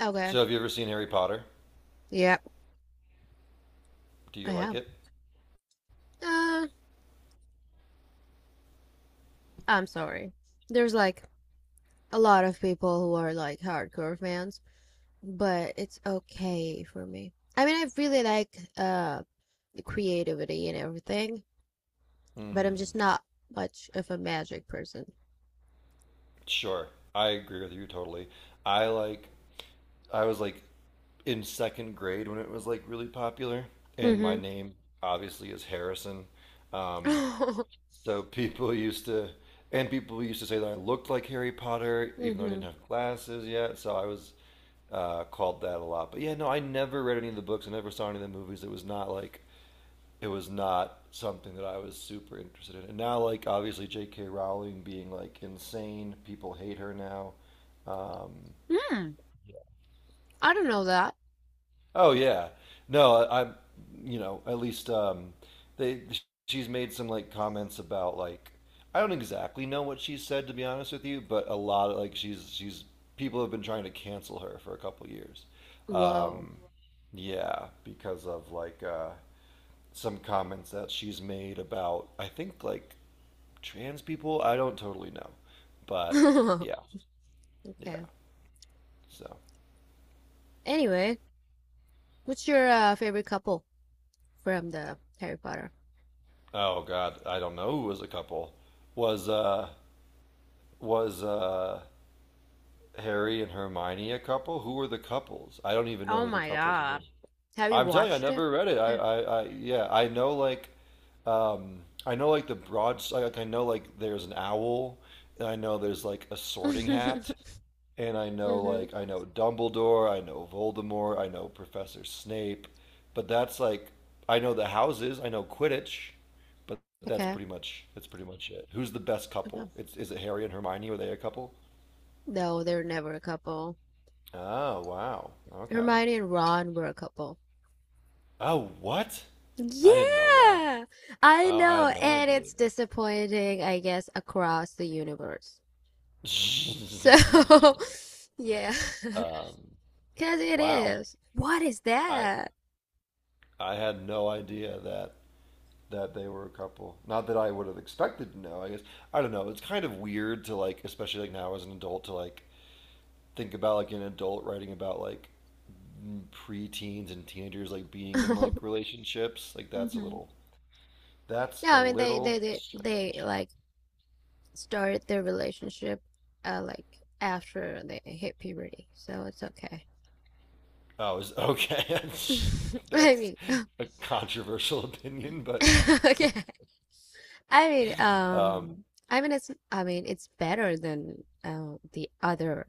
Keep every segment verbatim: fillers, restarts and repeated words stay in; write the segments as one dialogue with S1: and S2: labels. S1: Okay.
S2: So, have you ever seen Harry Potter?
S1: Yep,
S2: Do
S1: I
S2: you like
S1: have.
S2: it?
S1: Uh, I'm sorry. There's like a lot of people who are like hardcore fans, but it's okay for me. I mean, I really like uh the creativity and everything, but I'm just not much of a magic person.
S2: Sure. I agree with you totally. I like, I was like in second grade when it was like really popular, and my
S1: Mm-hmm.
S2: name obviously is Harrison. Um, so people used to, and people used to say that I looked like Harry Potter, even though I didn't
S1: Mm-hmm.
S2: have glasses yet. So I was uh, called that a lot. But yeah, no, I never read any of the books. I never saw any of the movies. It was not like it was not something that I was super interested in. And now, like obviously J K. Rowling being like insane, people hate her now. Um,
S1: Hmm. I don't know that.
S2: oh yeah, no, I, I'm, you know, at least um, they she's made some like comments about like I don't exactly know what she said to be honest with you, but a lot of like she's she's people have been trying to cancel her for a couple years.
S1: Whoa.
S2: Um, yeah, because of like uh, some comments that she's made about I think like trans people. I don't totally know, but yeah, yeah.
S1: Okay.
S2: So
S1: Anyway, what's your uh, favorite couple from the Harry Potter?
S2: oh god, I don't know who was a couple. Was uh was uh Harry and Hermione a couple? Who were the couples? I don't even know
S1: Oh
S2: who the
S1: my
S2: couples were.
S1: God. Have you
S2: I'm telling you, I
S1: watched it?
S2: never read it. I I, I yeah, I know like um I know like the broad like I know like there's an owl. And I know there's like a
S1: hmm
S2: sorting hat, and I know like I know Dumbledore, I know Voldemort, I know Professor Snape, but that's like I know the houses, I know Quidditch, but that's
S1: Okay.
S2: pretty much that's pretty much it. Who's the best
S1: Okay.
S2: couple? It's, is it Harry and Hermione? Were they a couple?
S1: No, they're never a couple.
S2: Oh wow, okay.
S1: Hermione and Ron were a couple.
S2: Oh what? I didn't know that.
S1: Yeah, I
S2: Oh, I
S1: know,
S2: had no
S1: and
S2: idea.
S1: it's disappointing, I guess, across the universe. So, yeah,
S2: um,
S1: because it
S2: wow,
S1: is. What is
S2: I
S1: that?
S2: I had no idea that that they were a couple. Not that I would have expected to know. I guess I don't know. It's kind of weird to like, especially like now as an adult, to like think about like an adult writing about like m- preteens and teenagers like being in
S1: hmm
S2: like relationships. Like that's a
S1: No,
S2: little. That's a
S1: I mean they
S2: little
S1: they they they
S2: strange.
S1: like started their relationship uh like after they hit puberty, so it's okay.
S2: Oh, is okay.
S1: I
S2: That's
S1: mean,
S2: a controversial opinion, but
S1: okay. I mean,
S2: um,
S1: um, I mean, it's, I mean, it's better than uh, the other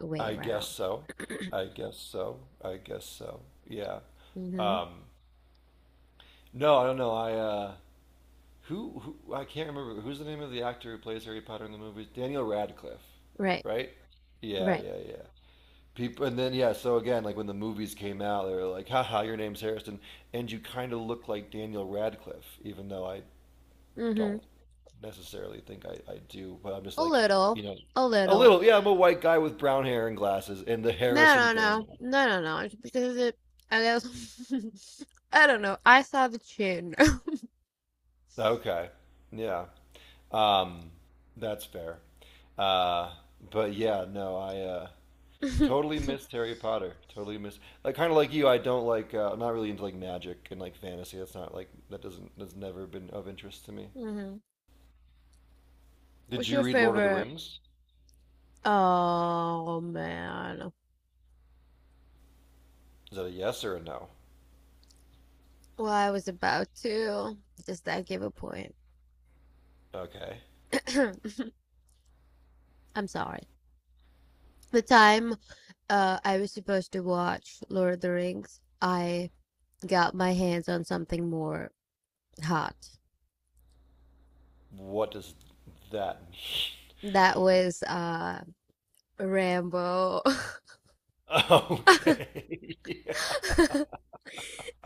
S1: way
S2: I guess
S1: around.
S2: so. I guess so. I guess so. Yeah.
S1: Hmm
S2: Um, no, I don't know. I uh, Who, who I can't remember who's the name of the actor who plays Harry Potter in the movies? Daniel Radcliffe,
S1: Right,
S2: right? Yeah,
S1: right.
S2: yeah, yeah. People, and then yeah. So again, like when the movies came out, they were like, "Haha, your name's Harrison," and you kind of look like Daniel Radcliffe, even though I,
S1: hmm
S2: don't necessarily think I, I do. But I'm just
S1: A
S2: like,
S1: little,
S2: you know,
S1: a
S2: a
S1: little.
S2: little. Yeah, I'm a white guy with brown hair and glasses, and the
S1: No,
S2: Harrison
S1: no,
S2: thing.
S1: no, no, no, no. It's because it, I guess, I don't know. I saw the chin.
S2: Okay. Yeah. Um, that's fair. Uh, but yeah, no, I uh, totally missed Harry Potter. Totally missed. Like kind of like you, I don't like. Uh, I'm not really into like magic and like fantasy. That's not like that doesn't that's never been of interest to me.
S1: hmm
S2: Did
S1: What's
S2: you
S1: your
S2: read Lord of the
S1: favorite?
S2: Rings?
S1: Oh man.
S2: Is that a yes or a no?
S1: Well, I was about to. Does that give a point?
S2: Okay.
S1: I'm sorry. The time uh, I was supposed to watch Lord of the Rings, I got my hands on something more hot.
S2: What does that mean?
S1: That was uh, Rambo.
S2: Okay. Yeah.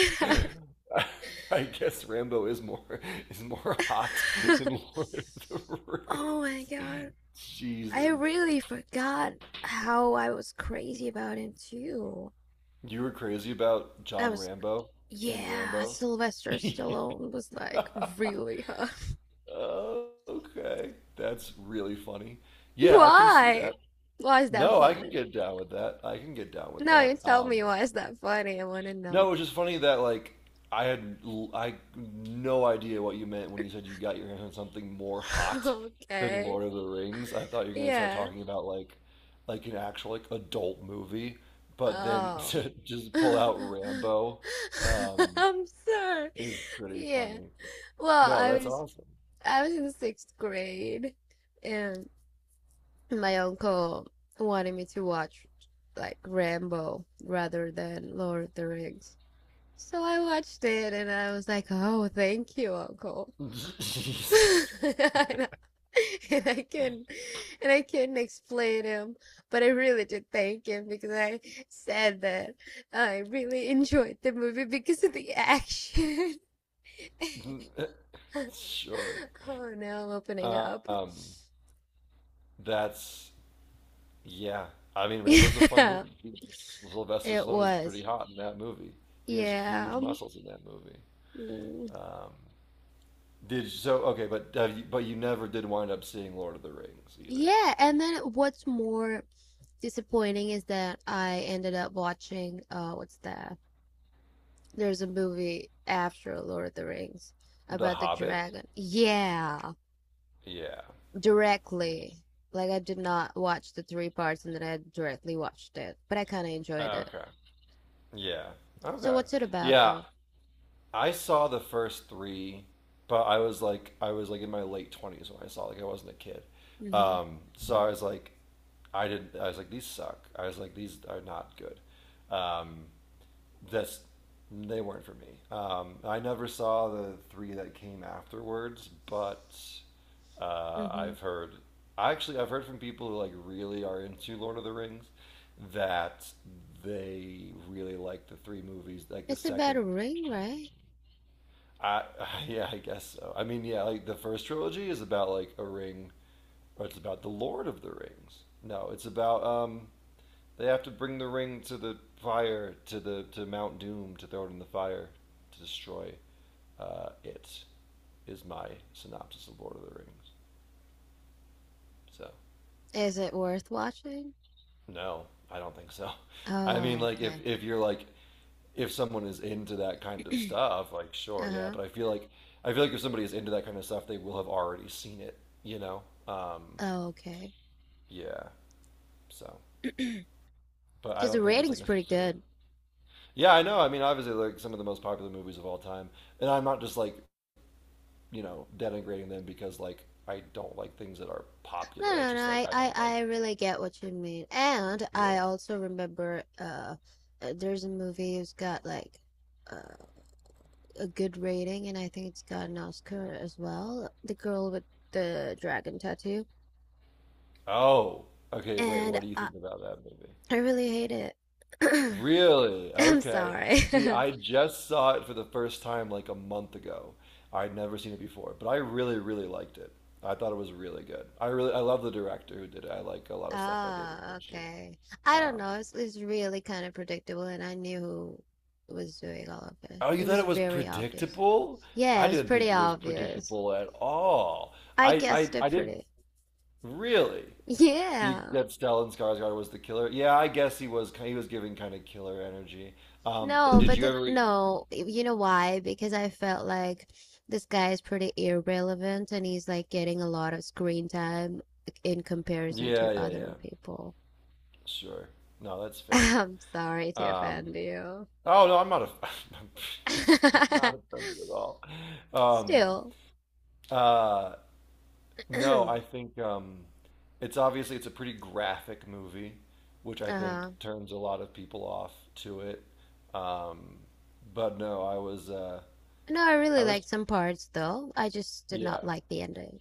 S2: I guess Rambo is more is more hot than Lord of the
S1: Oh my
S2: Rings.
S1: God. I
S2: Jesus.
S1: really forgot how I was crazy about him too.
S2: You were crazy about
S1: I
S2: John
S1: was,
S2: Rambo and
S1: yeah,
S2: Rambo.
S1: Sylvester Stallone was like really hot.
S2: okay, that's really funny. Yeah, I can see
S1: Why?
S2: that.
S1: Why is that
S2: No, I can
S1: funny?
S2: get down with that. I can get down with
S1: No,
S2: that.
S1: you tell
S2: Um,
S1: me why is that funny? I want to
S2: no,
S1: know.
S2: it was just funny that like I had l- I no idea what you meant when you said you got your hands on something more hot than
S1: Okay.
S2: Lord of the Rings. I thought you were gonna start
S1: Yeah.
S2: talking about like like an actual like adult movie, but then
S1: Oh.
S2: to just pull out
S1: I'm
S2: Rambo um,
S1: sorry.
S2: is pretty
S1: Yeah.
S2: funny.
S1: Well,
S2: No,
S1: I
S2: that's
S1: was
S2: awesome.
S1: I was in the sixth grade and my uncle wanted me to watch like Rambo rather than Lord of the Rings. So I watched it and I was like, "Oh, thank you, uncle." And I and I couldn't and I couldn't explain him, but I really did thank him because I said that I really enjoyed the movie because of the action.
S2: sure.
S1: Oh no, I'm opening up.
S2: Um, that's yeah. I mean, Rambo's a fun
S1: Yeah,
S2: movie. Sylvester
S1: it
S2: Stallone is pretty
S1: was.
S2: hot in that movie. He has huge
S1: Yeah.
S2: muscles in that movie.
S1: Mm.
S2: Um, did so okay, but have you, but you never did wind up seeing Lord of the Rings either.
S1: Yeah, and then what's more disappointing is that I ended up watching uh what's that? There's a movie after Lord of the Rings
S2: The
S1: about the
S2: Hobbit.
S1: dragon. Yeah,
S2: Yeah. Yeah.
S1: directly. Like I did not watch the three parts and then I directly watched it, but I kind of enjoyed it.
S2: Okay. Yeah.
S1: So
S2: Okay.
S1: what's it about
S2: Yeah.
S1: though?
S2: I saw the first three, but I was like, I was like in my late twenties when I saw. Like, I wasn't a kid.
S1: Hmm
S2: Um, so I was like, I didn't. I was like, these suck. I was like, these are not good. Um, that's they weren't for me. Um, I never saw the three that came afterwards, but uh,
S1: hmm
S2: I've heard. Actually, I've heard from people who like really are into Lord of the Rings that they really like the three movies, like the
S1: It's about a
S2: second
S1: ring, right?
S2: I, yeah, I guess so. I mean, yeah, like the first trilogy is about like a ring, or it's about the Lord of the Rings. No, it's about um, they have to bring the ring to the fire, to the to Mount Doom, to throw it in the fire, to destroy uh, it. Is my synopsis of Lord of the Rings. So
S1: Is it worth watching?
S2: no, I don't think so. I mean,
S1: Oh,
S2: like if
S1: okay.
S2: if you're like if someone is into that kind of stuff, like sure, yeah.
S1: Uh-huh.
S2: But I feel like I feel like if somebody is into that kind of stuff, they will have already seen it. You know, um,
S1: Oh, okay.
S2: yeah. So, but I
S1: Because the
S2: don't think it's like
S1: rating's pretty
S2: necessarily.
S1: good.
S2: Yeah, I know. I mean, obviously, like some of the most popular movies of all time, and I'm not just like you know, denigrating them because like I don't like things that are
S1: No,
S2: popular. It's
S1: no, no.
S2: just like
S1: I,
S2: I
S1: I,
S2: don't like.
S1: I really get what you mean. And
S2: Yeah.
S1: I also remember uh uh, there's a movie who's got like uh, a good rating and I think it's got an Oscar as well. The girl with the dragon tattoo.
S2: Oh, okay. Wait,
S1: And
S2: what do you
S1: uh,
S2: think about that movie?
S1: I really hate it.
S2: Really?
S1: I'm
S2: Okay.
S1: sorry.
S2: See, I just saw it for the first time like a month ago. I'd never seen it before, but I really, really liked it. I thought it was really good. I really, I love the director who did it. I like a lot of stuff by David
S1: Ah,
S2: Fincher.
S1: okay. I don't
S2: Um,
S1: know. It's it's really kind of predictable and I knew who was doing all of it.
S2: oh, you
S1: It
S2: thought
S1: was
S2: it was
S1: very obvious.
S2: predictable?
S1: Yeah, it
S2: I
S1: was
S2: didn't think
S1: pretty
S2: it was
S1: obvious.
S2: predictable at all.
S1: I
S2: I, I,
S1: guessed it
S2: I didn't
S1: pretty
S2: really. You,
S1: Yeah.
S2: that Stellan Skarsgård was the killer. Yeah, I guess he was. He was giving kind of killer energy. Um,
S1: No,
S2: did
S1: but
S2: you
S1: th
S2: ever?
S1: no, y- you know why? Because I felt like this guy is pretty irrelevant and he's like getting a lot of screen time in comparison
S2: Yeah,
S1: to
S2: yeah,
S1: other
S2: yeah.
S1: people.
S2: Sure. No, that's fair.
S1: I'm sorry to
S2: Um,
S1: offend you.
S2: oh no, I'm not. A, I'm not offended at all. Um,
S1: Still.
S2: uh, no, I think um, it's obviously it's a pretty graphic movie, which I think
S1: Uh-huh.
S2: turns a lot of people off to it. Um, but no, I was. Uh,
S1: No, I really
S2: I was.
S1: liked some parts though. I just did
S2: Yeah.
S1: not like the ending.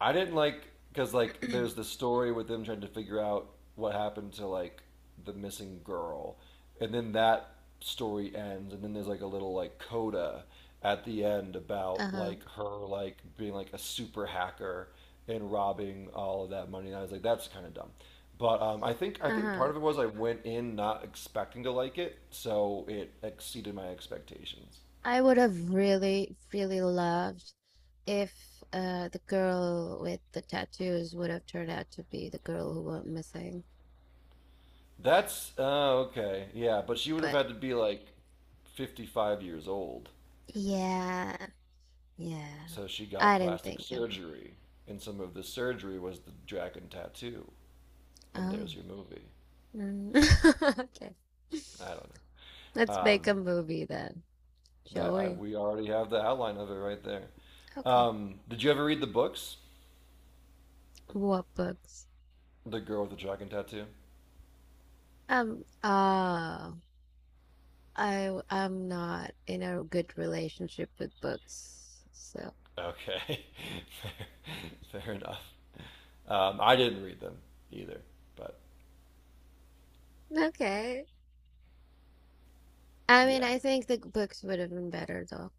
S2: I didn't like because like there's the story with them trying to figure out what happened to like the missing girl, and then that story ends, and then there's like a little like coda at the end about
S1: Uh-huh.
S2: like her like being like a super hacker and robbing all of that money. And I was like, that's kind of dumb. But um, I think I think part
S1: Uh-huh.
S2: of it was I went in not expecting to like it, so it exceeded my expectations.
S1: I would have really, really loved if uh, the girl with the tattoos would have turned out to be the girl who went missing.
S2: That's oh okay, yeah. But she would have
S1: But
S2: had to be like fifty-five years old,
S1: yeah, yeah,
S2: so she got
S1: I didn't
S2: plastic
S1: think of it.
S2: surgery, and some of the surgery was the dragon tattoo. And
S1: Oh,
S2: there's your movie.
S1: mm. okay.
S2: I don't know.
S1: Let's make
S2: Um,
S1: a movie then, shall
S2: that I
S1: we?
S2: we already have the outline of it right there.
S1: Okay.
S2: Um, did you ever read the books?
S1: What books?
S2: The Girl with the Dragon Tattoo.
S1: Um. Uh, I I'm not in a good relationship with books, so
S2: Okay, fair, fair enough. Um, I didn't read them either, but
S1: okay. I mean,
S2: yeah.
S1: I think the books would have been better though.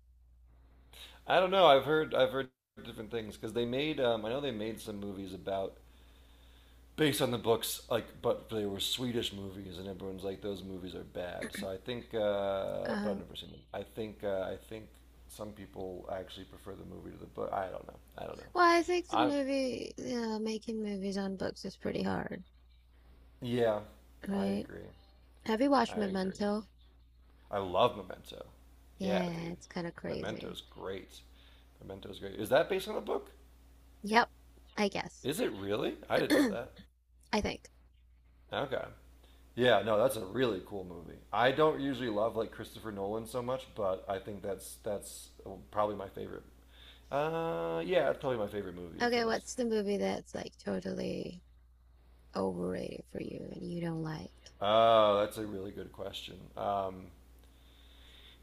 S2: I don't know. I've heard I've heard different things because they made um, I know they made some movies about based on the books like but they were Swedish movies and everyone's like those movies are bad. So I think uh, but I've
S1: Uh,
S2: never seen them. I think uh, I think some people actually prefer the movie to the book. I don't know. I don't know.
S1: well, I think the
S2: I
S1: movie, uh, making movies on books is pretty hard,
S2: yeah, I
S1: right?
S2: agree.
S1: Have you watched
S2: I agree.
S1: Memento?
S2: I love Memento. Yeah,
S1: Yeah,
S2: dude.
S1: it's kind of crazy.
S2: Memento's great. Memento's great. Is that based on a book?
S1: Yep, I guess.
S2: Is it really? I didn't know that.
S1: I think.
S2: Okay. Yeah, no, that's a really cool movie. I don't usually love like Christopher Nolan so much, but I think that's that's oh, probably my favorite. Uh, yeah, it's probably my favorite movie of
S1: Okay,
S2: his.
S1: what's the movie that's like totally overrated for you and you don't like?
S2: Oh, that's a really good question. Um,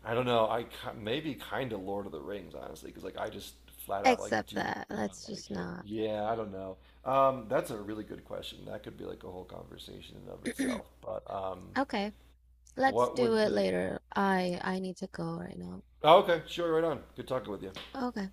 S2: I don't know. I ki- maybe kind of Lord of the Rings, honestly, because like I just flat out like
S1: Except
S2: do
S1: that,
S2: not
S1: let's
S2: like
S1: just
S2: it.
S1: not.
S2: Yeah, I don't know. Um, that's a really good question. That could be like a whole conversation in and of itself. But um,
S1: Okay, let's
S2: what
S1: do
S2: would
S1: it
S2: be?
S1: later. I I need to go right now.
S2: Oh, okay, sure, right on. Good talking with you.
S1: Okay.